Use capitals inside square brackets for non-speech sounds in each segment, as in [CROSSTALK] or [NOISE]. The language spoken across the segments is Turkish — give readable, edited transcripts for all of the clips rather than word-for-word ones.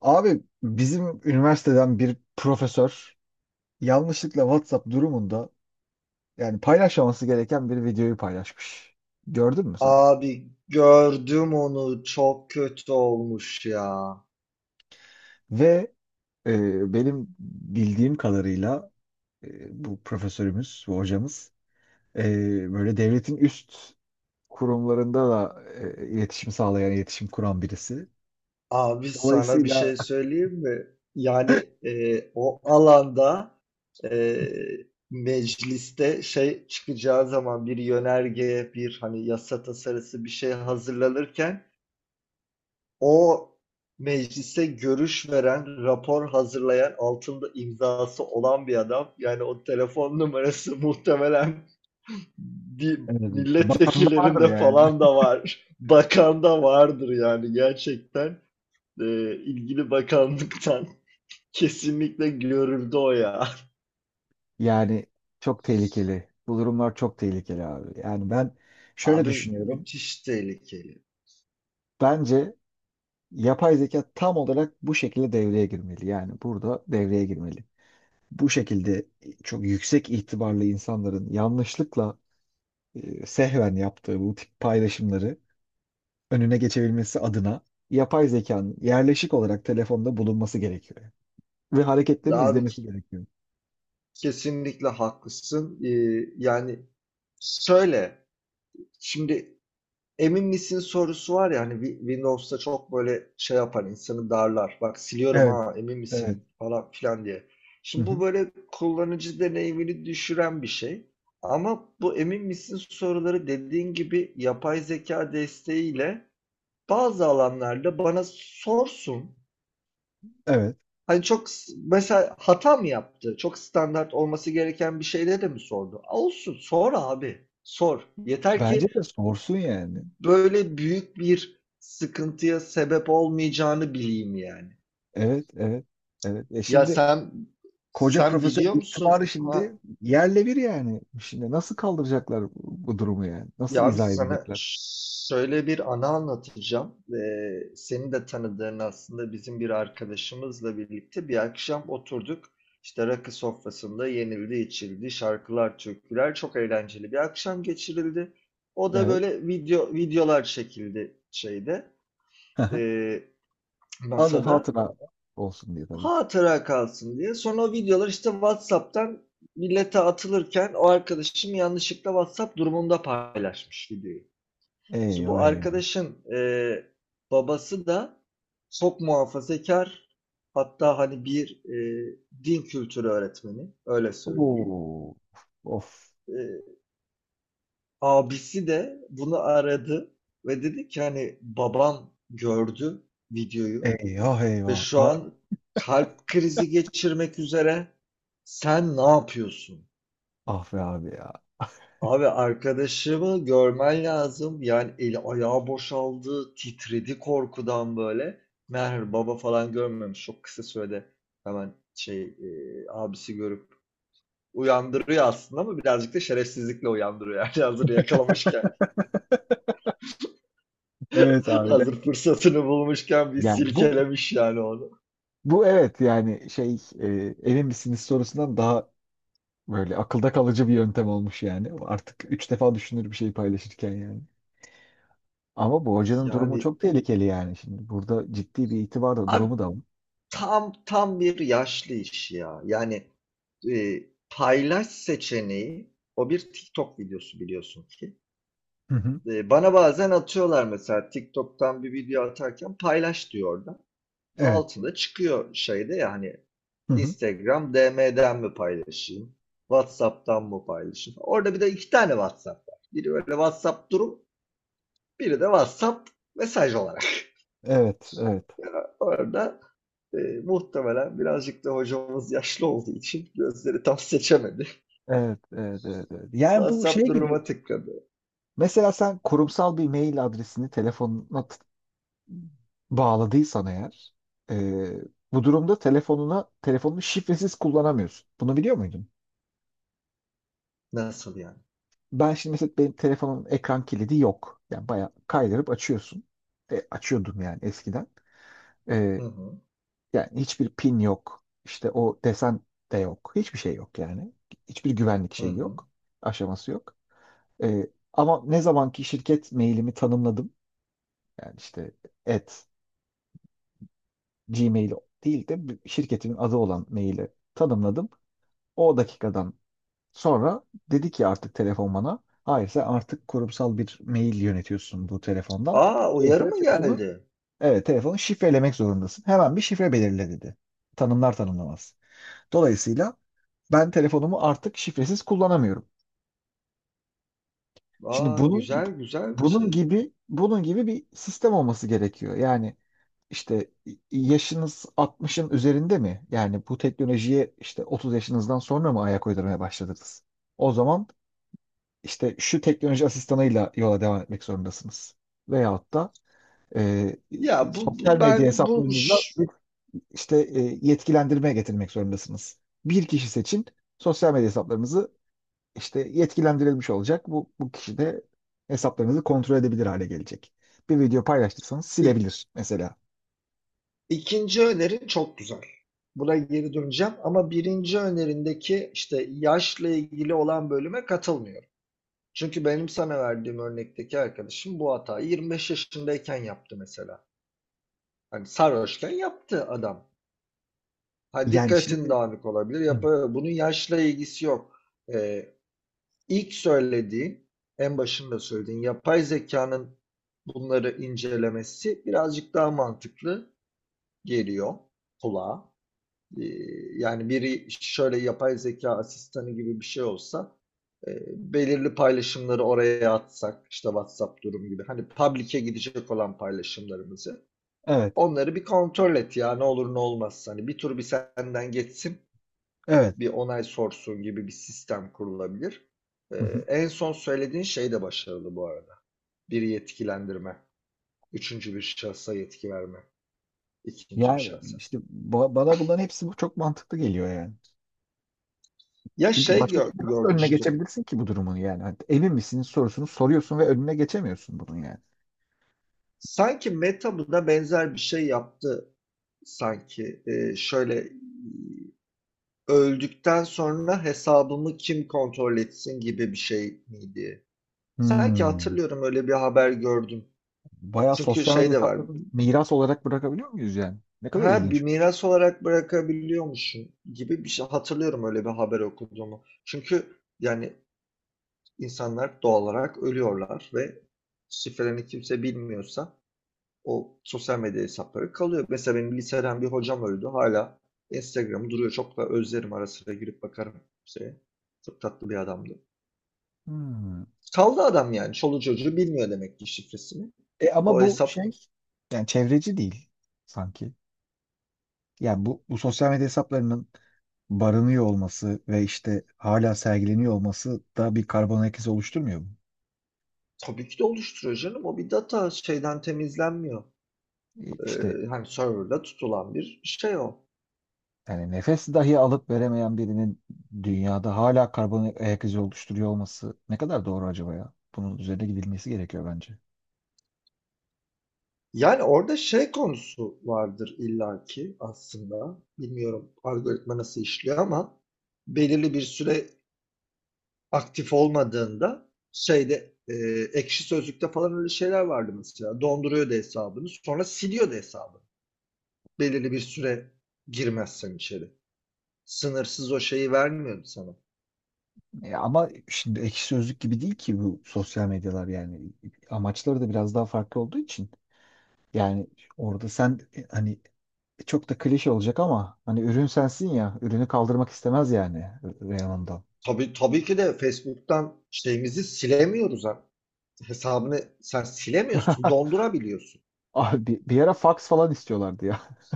Abi bizim üniversiteden bir profesör yanlışlıkla WhatsApp durumunda yani paylaşmaması gereken bir videoyu paylaşmış. Gördün mü sen? Abi gördüm onu çok kötü olmuş ya. Ve Benim bildiğim kadarıyla bu profesörümüz, bu hocamız, e, böyle devletin üst kurumlarında da iletişim sağlayan, iletişim kuran birisi. Abi sana bir Dolayısıyla şey söyleyeyim mi? Yani o alanda e, mecliste şey çıkacağı zaman bir yönerge bir hani yasa tasarısı bir şey hazırlanırken o meclise görüş veren, rapor hazırlayan, altında imzası olan bir adam. Yani o telefon numarası [LAUGHS] muhtemelen bir e, Bakan da vardır milletvekillerinde yani. falan da var. [LAUGHS] Bakan da vardır yani gerçekten. E, ilgili bakanlıktan [LAUGHS] kesinlikle görüldü o ya. Yani çok tehlikeli. Bu durumlar çok tehlikeli abi. Yani ben [LAUGHS] şöyle Abi düşünüyorum. müthiş tehlikeli. Bence yapay zeka tam olarak bu şekilde devreye girmeli. Yani burada devreye girmeli. Bu şekilde çok yüksek itibarlı insanların yanlışlıkla sehven yaptığı bu tip paylaşımları önüne geçebilmesi adına yapay zekanın yerleşik olarak telefonda bulunması gerekiyor. Ve hareketlerini Abi izlemesi gerekiyor. kesinlikle haklısın. Yani söyle. Şimdi emin misin sorusu var ya hani Windows'ta çok böyle şey yapar insanı darlar. Bak siliyorum Evet, ha emin evet. misin falan filan diye. Hı Şimdi bu hı, böyle kullanıcı deneyimini düşüren bir şey. Ama bu emin misin soruları dediğin gibi yapay zeka desteğiyle bazı alanlarda bana sorsun. evet. Hani çok mesela hata mı yaptı? Çok standart olması gereken bir şeyde de mi sordu? Olsun sor abi. Sor. Yeter Bence ki de sorsun yani. böyle büyük bir sıkıntıya sebep olmayacağını bileyim yani. Evet, evet, evet. E Ya şimdi sen Koca sen profesör biliyor itibarı musun? Ha, şimdi yerle bir yani. Şimdi nasıl kaldıracaklar bu durumu yani? Nasıl ya biz izah sana edecekler? şöyle bir anı anlatacağım. Senin de tanıdığın aslında bizim bir arkadaşımızla birlikte bir akşam oturduk. İşte rakı sofrasında yenildi, içildi, şarkılar, türküler çok eğlenceli bir akşam geçirildi. O da Evet. böyle video videolar çekildi şeyde, [LAUGHS] e, Anı masada. hatıra olsun diye tabii ki. Hatıra kalsın diye. Sonra o videolar işte WhatsApp'tan millete atılırken o arkadaşım yanlışlıkla WhatsApp durumunda paylaşmış videoyu. Şimdi bu Eyvah eyvah. arkadaşın babası da çok muhafazakar, hatta hani bir din kültürü öğretmeni, öyle söyleyeyim. Oo, of. E, Abisi de bunu aradı ve dedi ki hani babam gördü videoyu Eyvah ve eyvah. şu Ah, an kalp krizi geçirmek üzere. Sen ne yapıyorsun? ah be abi ya. Abi arkadaşımı görmen lazım. Yani eli ayağı boşaldı, titredi korkudan böyle. Meğer baba falan görmemiş. Çok kısa sürede hemen şey abisi görüp uyandırıyor aslında ama birazcık da şerefsizlikle uyandırıyor. Yani [LAUGHS] hazır yakalamışken, Evet [LAUGHS] abi. hazır Yani, fırsatını bulmuşken bir yani bu silkelemiş yani onu. bu evet, yani emin misiniz sorusundan daha böyle akılda kalıcı bir yöntem olmuş yani. Artık üç defa düşünür bir şey paylaşırken yani. Ama bu hocanın durumu Yani çok tehlikeli yani. Şimdi burada ciddi bir itibar da abi, durumu da var. tam bir yaşlı iş ya. Yani, e, paylaş seçeneği, o bir TikTok videosu biliyorsun ki. Hı hı. Bana bazen atıyorlar, mesela TikTok'tan bir video atarken paylaş diyor orada. Evet. Altında çıkıyor şeyde ya hani Hı hı. Instagram DM'den mi paylaşayım? WhatsApp'tan mı paylaşayım? Orada bir de iki tane WhatsApp var. Biri böyle WhatsApp durum, biri de WhatsApp mesaj olarak. Evet, evet. Orada, muhtemelen birazcık da hocamız yaşlı olduğu için gözleri tam seçemedi. Evet, evet, evet, evet. Yani bu şey WhatsApp gibi. duruma tıkladı. Mesela sen kurumsal bir mail adresini telefonuna bağladıysan eğer, e, bu durumda telefonunu şifresiz kullanamıyorsun. Bunu biliyor muydun? Nasıl yani? Ben şimdi mesela benim telefonun ekran kilidi yok. Yani bayağı kaydırıp açıyorsun. E, açıyordum yani eskiden. Hı hı. Yani hiçbir pin yok. İşte o desen de yok. Hiçbir şey yok yani. Hiçbir güvenlik Hı şeyi hı. yok. Aşaması yok. Ee, Ama ne zamanki şirket mailimi tanımladım. Yani işte at Gmail değil de bir şirketimin adı olan maili tanımladım. O dakikadan sonra dedi ki artık telefon bana hayır, sen artık kurumsal bir mail yönetiyorsun bu telefondan. A! Uyarı Dolayısıyla mı geldi? evet telefonu şifrelemek zorundasın. Hemen bir şifre belirle dedi. Tanımlar tanımlamaz. Dolayısıyla ben telefonumu artık şifresiz kullanamıyorum. Şimdi Aa, bunun güzel, güzel bir bunun şey. gibi bunun gibi bir sistem olması gerekiyor. Yani işte yaşınız 60'ın üzerinde mi? Yani bu teknolojiye işte 30 yaşınızdan sonra mı ayak uydurmaya başladınız? O zaman işte şu teknoloji asistanıyla yola devam etmek zorundasınız. Veyahut da e, Ya, bu sosyal bu medya ben bu hesaplarınızla ş bir işte yetkilendirmeye getirmek zorundasınız. Bir kişi seçin, sosyal medya hesaplarınızı işte yetkilendirilmiş olacak. Bu kişi de hesaplarınızı kontrol edebilir hale gelecek. Bir video paylaştıysanız ik silebilir mesela. ikinci önerin çok güzel. Buna geri döneceğim ama birinci önerindeki, işte, yaşla ilgili olan bölüme katılmıyorum. Çünkü benim sana verdiğim örnekteki arkadaşım bu hatayı 25 yaşındayken yaptı mesela. Hani sarhoşken yaptı adam. Ha, Yani dikkatin şimdi. dağınık olabilir. Hı. Yapar. Bunun yaşla ilgisi yok. Ee, ilk söylediğin, en başında söylediğin yapay zekanın bunları incelemesi birazcık daha mantıklı geliyor kulağa. Ee, Yani biri şöyle yapay zeka asistanı gibi bir şey olsa, e, belirli paylaşımları oraya atsak işte WhatsApp durum gibi hani public'e gidecek olan paylaşımlarımızı, Evet, onları bir kontrol et ya ne olur ne olmaz. Hani bir tur bir senden geçsin, evet. bir onay sorsun gibi bir sistem kurulabilir. Ee, Hı hı. En son söylediğin şey de başarılı bu arada. Bir yetkilendirme, üçüncü bir şahsa yetki verme, ikinci bir Yani şahsa. işte bana bunların hepsi bu çok mantıklı geliyor yani. Ya Çünkü şey başka türlü nasıl önüne görmüştüm. geçebilirsin ki bu durumun yani? Hani emin misin sorusunu soruyorsun ve önüne geçemiyorsun bunun yani. Sanki Meta buna benzer bir şey yaptı sanki. Şöyle öldükten sonra hesabımı kim kontrol etsin gibi bir şey miydi? Sanki Hmm. hatırlıyorum, öyle bir haber gördüm. Bayağı Çünkü sosyal medya şey de var. hesaplarını miras olarak bırakabiliyor muyuz yani? Ne kadar Ha, bir ilginçmiş. miras olarak bırakabiliyormuşsun gibi bir şey hatırlıyorum, öyle bir haber okuduğumu. Çünkü yani insanlar doğal olarak ölüyorlar ve şifrelerini kimse bilmiyorsa o sosyal medya hesapları kalıyor. Mesela benim liseden bir hocam öldü. Hala Instagram'ı duruyor. Çok da özlerim, ara sıra girip bakarım şeye. Çok tatlı bir adamdı. Hmm. Kaldı adam yani. Çoluk çocuğu bilmiyor demek ki şifresini. E ama O bu hesap şey yani çevreci değil sanki. Yani bu sosyal medya hesaplarının barınıyor olması ve işte hala sergileniyor olması da bir karbon ayak izi oluşturmuyor mu? tabii ki de oluşturuyor canım. O bir data şeyden temizlenmiyor. E, İşte Hani server'da tutulan bir şey o. yani nefes dahi alıp veremeyen birinin dünyada hala karbon ayak izi oluşturuyor olması ne kadar doğru acaba ya? Bunun üzerine gidilmesi gerekiyor bence. Yani orada şey konusu vardır illaki aslında. Bilmiyorum algoritma nasıl işliyor ama belirli bir süre aktif olmadığında şeyde ekşi sözlükte falan öyle şeyler vardı mesela. Donduruyordu hesabını, sonra siliyordu hesabını. Belirli bir süre girmezsen içeri. Sınırsız o şeyi vermiyordu sana. Ama şimdi ekşi sözlük gibi değil ki bu sosyal medyalar yani. Amaçları da biraz daha farklı olduğu için. Yani orada sen, hani çok da klişe olacak ama hani ürün sensin ya. Ürünü kaldırmak istemez yani Reyhan'dan. Tabii, tabii ki de Facebook'tan şeyimizi silemiyoruz ha. Hesabını sen silemiyorsun, [LAUGHS] dondurabiliyorsun. Abi bir ara fax falan istiyorlardı ya. [LAUGHS]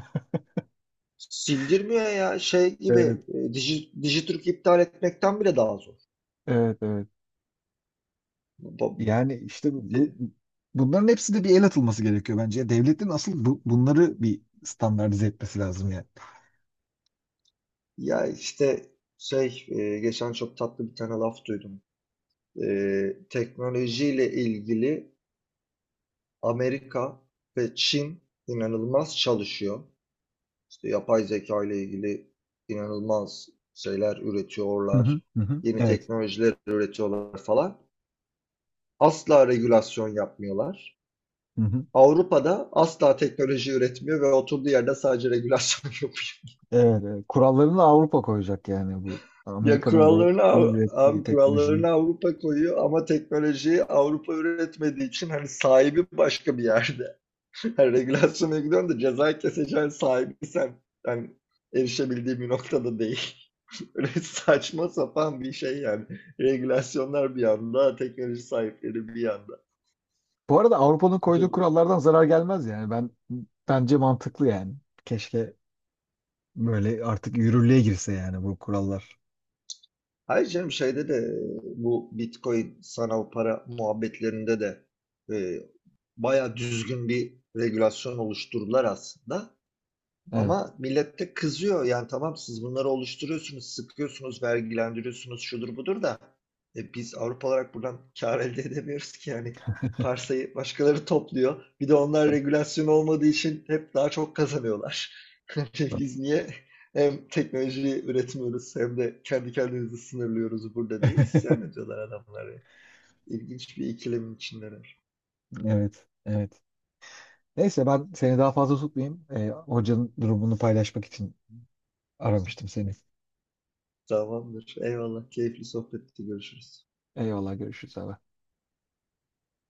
Sildirmiyor ya şey Evet. gibi, Digiturk iptal etmekten bile daha zor. Evet, evet. Ba- Yani işte de- bunların hepsi de bir el atılması gerekiyor bence. Devletin asıl bunları bir standartize etmesi lazım yani. Ya işte şey, geçen çok tatlı bir tane laf duydum. E, Teknolojiyle ilgili Amerika ve Çin inanılmaz çalışıyor. İşte yapay zeka ile ilgili inanılmaz şeyler Hı hı, üretiyorlar. hı hı. Yeni Evet. teknolojiler üretiyorlar falan. Asla regülasyon yapmıyorlar. Hı hı. Avrupa'da asla teknoloji üretmiyor ve oturduğu yerde sadece regülasyon [LAUGHS] yapıyor. Evet, evet. Kurallarını Avrupa koyacak yani bu Ya Amerika'nın ve kurallarını Çin'in ürettiği abi, teknolojinin. kurallarını Avrupa koyuyor ama teknolojiyi Avrupa üretmediği için hani sahibi başka bir yerde. [LAUGHS] Hani regülasyona gidiyorsun da ceza keseceğin sahibi sen. Yani erişebildiğim bir noktada değil. Böyle [LAUGHS] saçma sapan bir şey yani. Regülasyonlar bir yanda, teknoloji sahipleri bir yanda. Bu arada Avrupa'nın koyduğu Çok... kurallardan zarar gelmez yani. Ben bence mantıklı yani. Keşke böyle artık yürürlüğe girse yani bu kurallar. Hayır canım, şeyde de bu Bitcoin sanal para muhabbetlerinde de e, baya düzgün bir regülasyon oluşturdular aslında. Evet. Ama millet de kızıyor. Yani tamam, siz bunları oluşturuyorsunuz, sıkıyorsunuz, vergilendiriyorsunuz, şudur budur da biz Avrupa olarak buradan kar elde edemiyoruz ki yani. Parsayı başkaları topluyor. Bir de onlar regülasyon olmadığı için hep daha çok kazanıyorlar. [LAUGHS] Biz niye hem teknolojiyi üretmiyoruz hem de kendi kendimizi sınırlıyoruz burada diye isyan [LAUGHS] ediyorlar adamlar ya. İlginç bir ikilemin içindeler. Evet. Evet. Neyse ben seni daha fazla tutmayayım. Hocanın durumunu paylaşmak için aramıştım seni. Tamamdır. Eyvallah. Keyifli sohbetti. Görüşürüz. Eyvallah, görüşürüz abi.